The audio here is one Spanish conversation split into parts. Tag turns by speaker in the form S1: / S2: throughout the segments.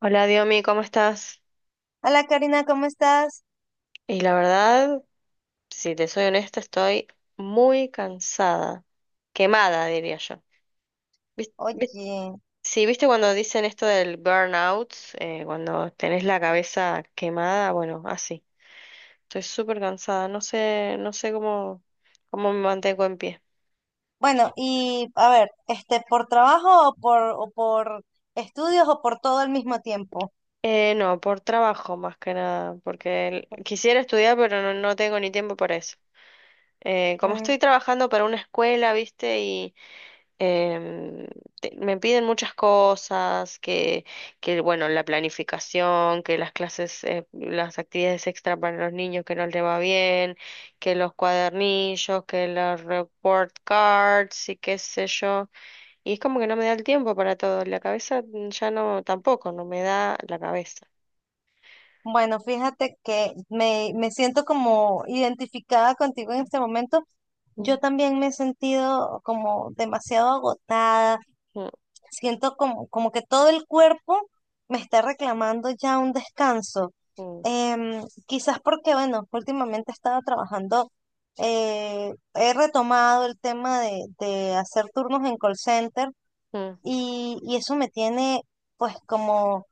S1: Hola Diomi, ¿cómo estás?
S2: Hola Karina, ¿cómo estás?
S1: Y la verdad, si te soy honesta, estoy muy cansada, quemada, diría yo. ¿Vis- vis-
S2: Oye,
S1: Sí, viste cuando dicen esto del burnout. Cuando tenés la cabeza quemada, bueno, así. Estoy súper cansada, no sé cómo, me mantengo en pie.
S2: bueno, y a ver, ¿por trabajo o por estudios o por todo al mismo tiempo?
S1: No, por trabajo más que nada, porque quisiera estudiar, pero no tengo ni tiempo para eso. Como
S2: Mm,
S1: estoy trabajando para una escuela, viste, em, me piden muchas cosas, que bueno, la planificación, que las clases, las actividades extra para los niños que no les va bien, que los cuadernillos, que los report cards y qué sé yo. Y es como que no me da el tiempo para todo. La cabeza ya no, tampoco, no me da la cabeza.
S2: bueno, fíjate que me siento como identificada contigo en este momento. Yo
S1: Mm,
S2: también me he sentido como demasiado agotada.
S1: mm,
S2: Siento como que todo el cuerpo me está reclamando ya un descanso.
S1: mm,
S2: Quizás porque, bueno, últimamente estaba trabajando, he retomado el tema de hacer turnos en call center
S1: mm,
S2: y eso me tiene pues como,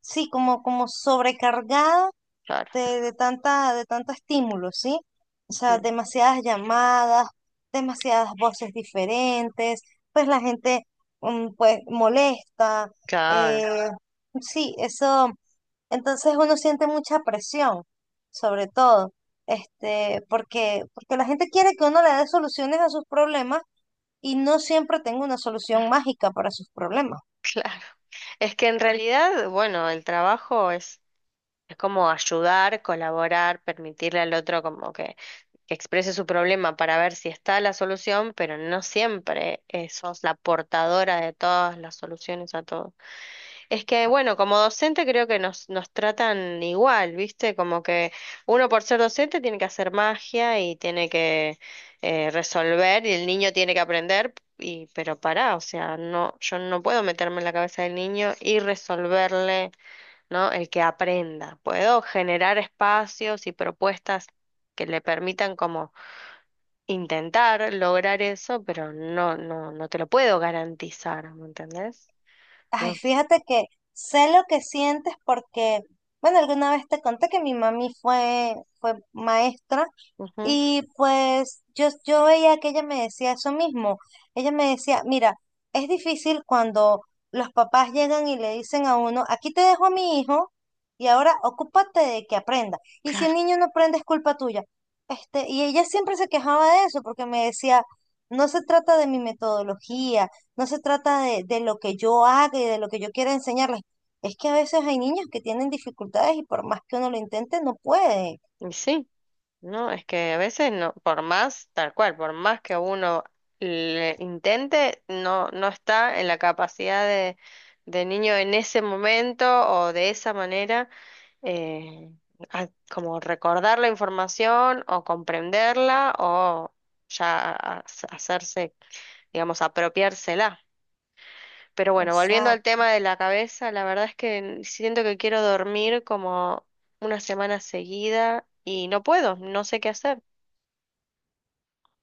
S2: sí, como sobrecargada
S1: claro,
S2: de tanta, de tanto estímulo, ¿sí? O sea,
S1: mm,
S2: demasiadas llamadas, demasiadas voces diferentes, pues la gente, pues, molesta,
S1: claro,
S2: eh, sí, eso, entonces uno siente mucha presión, sobre todo, porque, porque la gente quiere que uno le dé soluciones a sus problemas y no siempre tengo una solución mágica para sus problemas.
S1: claro. Es que en realidad, bueno, el trabajo es como ayudar, colaborar, permitirle al otro como que exprese su problema para ver si está la solución, pero no siempre sos la portadora de todas las soluciones a todo. Es que, bueno, como docente creo que nos tratan igual, ¿viste? Como que uno por ser docente tiene que hacer magia y tiene que resolver y el niño tiene que aprender. Y, pero pará, o sea, no, yo no puedo meterme en la cabeza del niño y resolverle. ¿No? El que aprenda. Puedo generar espacios y propuestas que le permitan como intentar lograr eso, pero no, no, no te lo puedo garantizar, ¿me entendés?
S2: Ay,
S1: Dios.
S2: fíjate que sé lo que sientes porque, bueno, alguna vez te conté que mi mami fue, fue maestra
S1: Ujú,
S2: y pues yo veía que ella me decía eso mismo. Ella me decía, mira, es difícil cuando los papás llegan y le dicen a uno, aquí te dejo a mi hijo y ahora ocúpate de que aprenda. Y si
S1: claro.
S2: el niño no aprende es culpa tuya. Y ella siempre se quejaba de eso porque me decía, no se trata de mi metodología, no se trata de lo que yo haga y de lo que yo quiera enseñarles. Es que a veces hay niños que tienen dificultades y por más que uno lo intente, no puede.
S1: Y sí, no, es que a veces no, por más, tal cual, por más que uno le intente, no está en la capacidad de niño en ese momento o de esa manera eh, como recordar la información o comprenderla o ya hacerse, digamos, apropiársela. Pero bueno, volviendo al
S2: Exacto.
S1: tema de la cabeza, la verdad es que siento que quiero dormir como una semana seguida y no puedo, no sé qué hacer.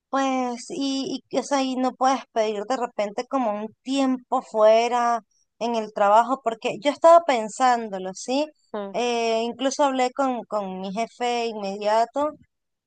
S2: Pues, o sea, y no puedes pedir de repente como un tiempo fuera en el trabajo, porque yo estaba pensándolo, ¿sí?
S1: Mm,
S2: Incluso hablé con mi jefe inmediato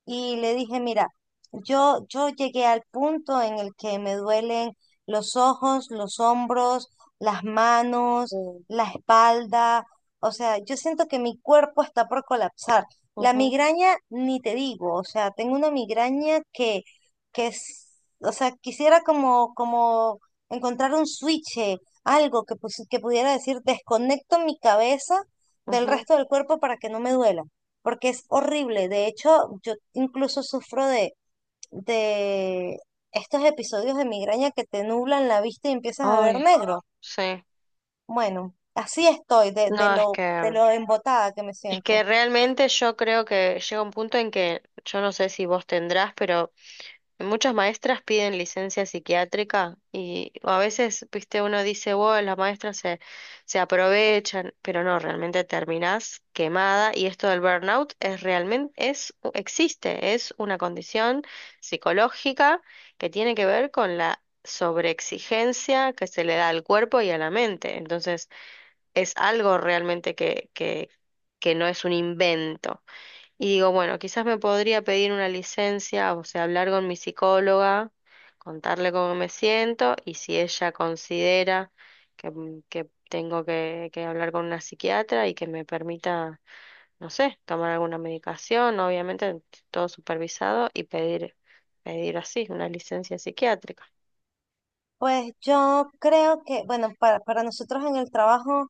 S2: y le dije, mira, yo llegué al punto en el que me duelen los ojos, los hombros, las manos,
S1: mm,
S2: la espalda, o sea, yo siento que mi cuerpo está por colapsar. La
S1: ujú,
S2: migraña, ni te digo, o sea, tengo una migraña que es, o sea, quisiera como encontrar un switch, algo que, que pudiera decir, desconecto mi cabeza del
S1: ujú.
S2: resto del cuerpo para que no me duela porque es horrible. De hecho, yo incluso sufro de estos episodios de migraña que te nublan la vista y empiezas a ver
S1: Ay,
S2: negro.
S1: sí.
S2: Bueno, así estoy
S1: No, es
S2: de
S1: que
S2: lo embotada que me
S1: es que
S2: siento.
S1: realmente yo creo que llega un punto en que yo no sé si vos tendrás, pero muchas maestras piden licencia psiquiátrica y a veces, viste, uno dice, wow, las maestras se aprovechan, pero no, realmente terminás quemada y esto del burnout es realmente, existe, es una condición psicológica que tiene que ver con la sobreexigencia que se le da al cuerpo y a la mente. Entonces, es algo realmente que no es un invento. Y digo, bueno, quizás me podría pedir una licencia, o sea, hablar con mi psicóloga, contarle cómo me siento y si ella considera que tengo que hablar con una psiquiatra y que me permita, no sé, tomar alguna medicación, obviamente todo supervisado y pedir, pedir así, una licencia psiquiátrica.
S2: Pues yo creo que, bueno, para nosotros en el trabajo,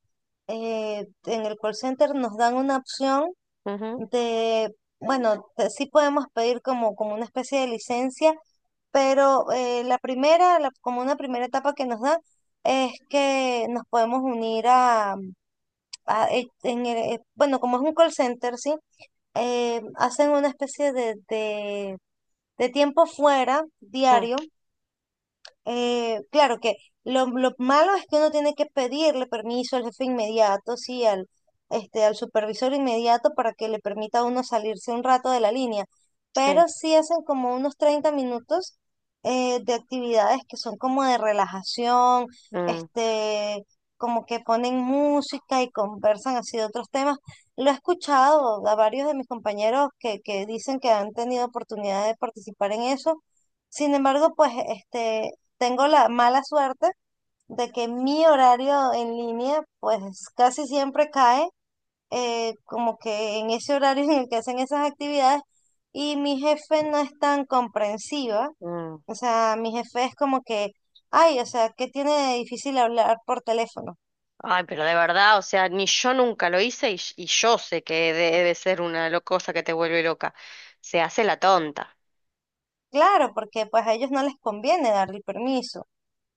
S2: en el call center nos dan una opción de, bueno, sí podemos pedir como, como una especie de licencia pero la primera, como una primera etapa que nos da, es que nos podemos unir a, en bueno, como es un call center, ¿sí? Hacen una especie de tiempo fuera,
S1: Ujú, mm,
S2: diario, claro que lo malo es que uno tiene que pedirle permiso al jefe inmediato, sí, al, al supervisor inmediato para que le permita a uno salirse un rato de la línea.
S1: sí,
S2: Pero sí hacen como unos 30 minutos de actividades que son como de relajación,
S1: mm,
S2: este, como que ponen música y conversan así de otros temas. Lo he escuchado a varios de mis compañeros que dicen que han tenido oportunidad de participar en eso. Sin embargo, pues este tengo la mala suerte de que mi horario en línea pues casi siempre cae como que en ese horario en el que hacen esas actividades y mi jefe no es tan comprensiva.
S1: mm.
S2: O sea, mi jefe es como que, ay, o sea, ¿qué tiene de difícil hablar por teléfono?
S1: Ay, pero de verdad, o sea, ni yo nunca lo hice y yo sé que debe ser una cosa que te vuelve loca. Se hace la tonta.
S2: Claro, porque pues a ellos no les conviene darle permiso.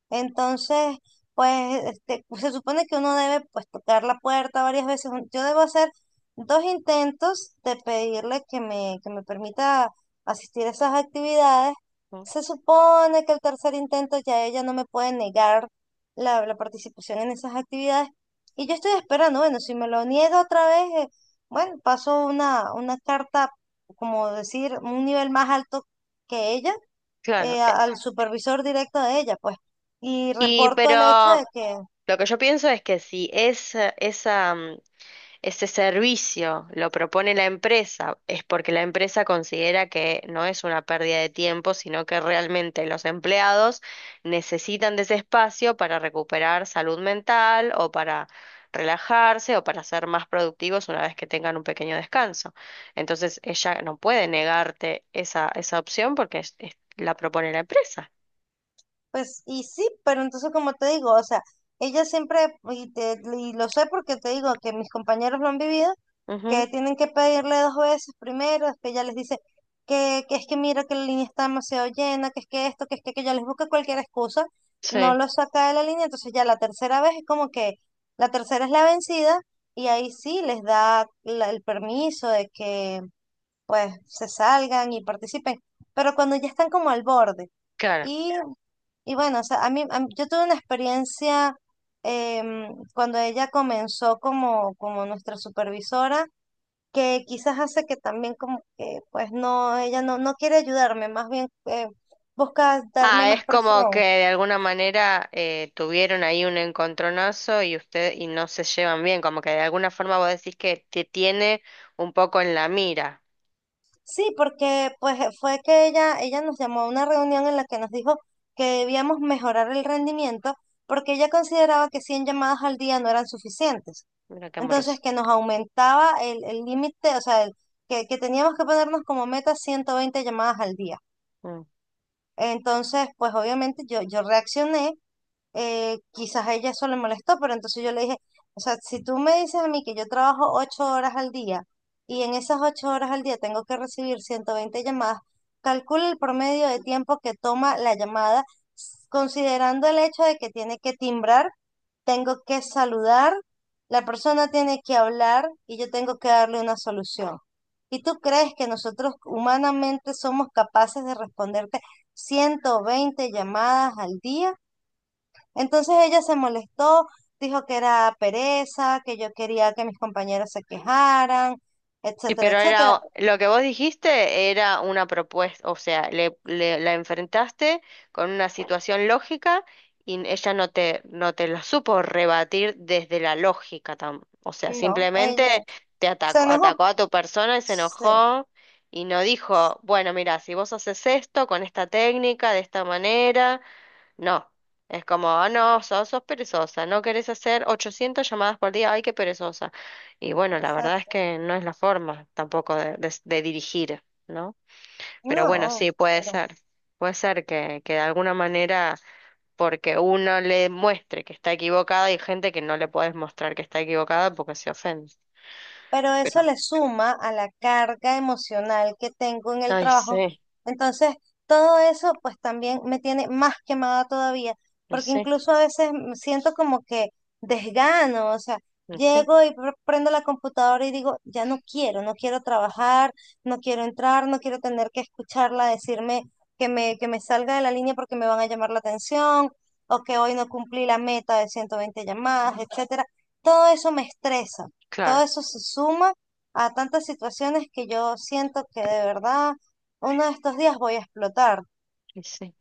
S2: Entonces, pues se supone que uno debe pues tocar la puerta varias veces. Yo debo hacer dos intentos de pedirle que que me permita asistir a esas actividades.
S1: ¿No?
S2: Se supone que el tercer intento ya ella no me puede negar la participación en esas actividades. Y yo estoy esperando, bueno, si me lo niega otra vez, bueno, paso una carta, como decir, un nivel más alto que ella
S1: Claro.
S2: al supervisor directo de ella, pues, y
S1: Y
S2: reporto el hecho de
S1: pero
S2: que,
S1: lo que yo pienso es que si es esa Ese servicio lo propone la empresa, es porque la empresa considera que no es una pérdida de tiempo, sino que realmente los empleados necesitan de ese espacio para recuperar salud mental o para relajarse o para ser más productivos una vez que tengan un pequeño descanso. Entonces ella no puede negarte esa opción porque la propone la empresa.
S2: pues, y sí, pero entonces como te digo, o sea, ella siempre, y lo sé porque te digo que mis compañeros lo han vivido,
S1: Ujú,
S2: que tienen que pedirle dos veces primero, es que ella les dice que es que mira que la línea está demasiado llena, que es que esto, que es que aquello, les busca cualquier excusa, no
S1: sí,
S2: lo saca de la línea, entonces ya la tercera vez es como que la tercera es la vencida y ahí sí les da el permiso de que pues se salgan y participen, pero cuando ya están como al borde.
S1: claro.
S2: Y, y bueno, o sea, yo tuve una experiencia cuando ella comenzó como, como nuestra supervisora, que quizás hace que también como que, pues no, ella no, no quiere ayudarme, más bien busca darme
S1: Ah,
S2: más
S1: es como que
S2: presión.
S1: de alguna manera tuvieron ahí un encontronazo y usted y no se llevan bien, como que de alguna forma vos decís que te tiene un poco en la mira.
S2: Sí, porque pues fue que ella nos llamó a una reunión en la que nos dijo que debíamos mejorar el rendimiento porque ella consideraba que 100 llamadas al día no eran suficientes.
S1: Mira qué
S2: Entonces,
S1: amoroso.
S2: que nos aumentaba el límite, o sea, que teníamos que ponernos como meta 120 llamadas al día.
S1: Mm.
S2: Entonces, pues obviamente yo reaccioné quizás a ella eso le molestó, pero entonces yo le dije, o sea, si tú me dices a mí que yo trabajo 8 horas al día y en esas 8 horas al día tengo que recibir 120 llamadas, calcula el promedio de tiempo que toma la llamada, considerando el hecho de que tiene que timbrar, tengo que saludar, la persona tiene que hablar y yo tengo que darle una solución. ¿Y tú crees que nosotros humanamente somos capaces de responderte 120 llamadas al día? Entonces ella se molestó, dijo que era pereza, que yo quería que mis compañeros se quejaran,
S1: Y
S2: etcétera,
S1: pero era,
S2: etcétera.
S1: lo que vos dijiste era una propuesta, o sea, la enfrentaste con una situación lógica y ella no te lo supo rebatir desde la lógica, o sea,
S2: No,
S1: simplemente
S2: ella
S1: te
S2: se
S1: atacó,
S2: enojó.
S1: atacó a tu persona y se
S2: Sí,
S1: enojó y no dijo, bueno, mira, si vos haces esto con esta técnica, de esta manera. No, es como, ah, no, sos perezosa, no querés hacer 800 llamadas por día, ay, qué perezosa. Y bueno, la verdad es
S2: exacto.
S1: que no es la forma tampoco de dirigir, ¿no? Pero bueno,
S2: No,
S1: sí,
S2: pero
S1: puede ser que de alguna manera, porque uno le muestre que está equivocada, hay gente que no le puedes mostrar que está equivocada porque se ofende.
S2: pero eso
S1: Pero,
S2: le suma a la carga emocional que tengo en el
S1: ay,
S2: trabajo.
S1: sí,
S2: Entonces, todo eso pues también me tiene más quemada todavía,
S1: y
S2: porque
S1: sí,
S2: incluso a veces me siento como que desgano, o sea,
S1: y sí,
S2: llego y prendo la computadora y digo, ya no quiero, no quiero trabajar, no quiero entrar, no quiero tener que escucharla decirme que que me salga de la línea porque me van a llamar la atención, o que hoy no cumplí la meta de 120 llamadas, etcétera. Todo eso me estresa. Todo
S1: claro,
S2: eso se suma a tantas situaciones que yo siento que de verdad uno de estos días voy a explotar.
S1: y sí.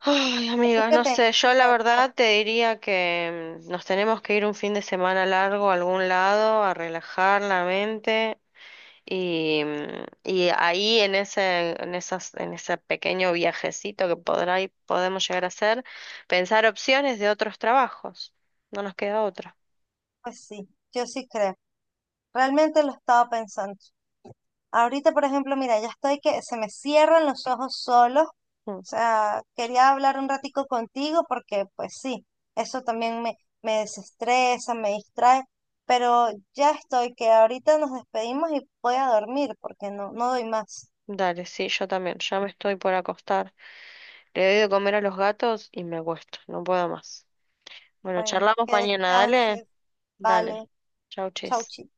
S1: Ay,
S2: Así
S1: amiga,
S2: que
S1: no
S2: te
S1: sé, yo la
S2: entiendo,
S1: verdad te diría que nos tenemos que ir un fin de semana largo a algún lado a relajar la mente y ahí en en ese pequeño viajecito que podrá y podemos llegar a hacer, pensar opciones de otros trabajos. No nos queda otra.
S2: pues sí, yo sí creo. Realmente lo estaba pensando. Ahorita, por ejemplo, mira, ya estoy que se me cierran los ojos solos.
S1: Mm.
S2: O sea, quería hablar un ratico contigo porque, pues sí, eso también me desestresa, me distrae, pero ya estoy que ahorita nos despedimos y voy a dormir porque no, no doy más.
S1: Dale, sí, yo también, ya me estoy por acostar. Le doy de comer a los gatos y me acuesto, no puedo más. Bueno,
S2: Bueno,
S1: charlamos
S2: que
S1: mañana, dale,
S2: descanses. Vale,
S1: dale. Chau,
S2: chau,
S1: chis.
S2: chi.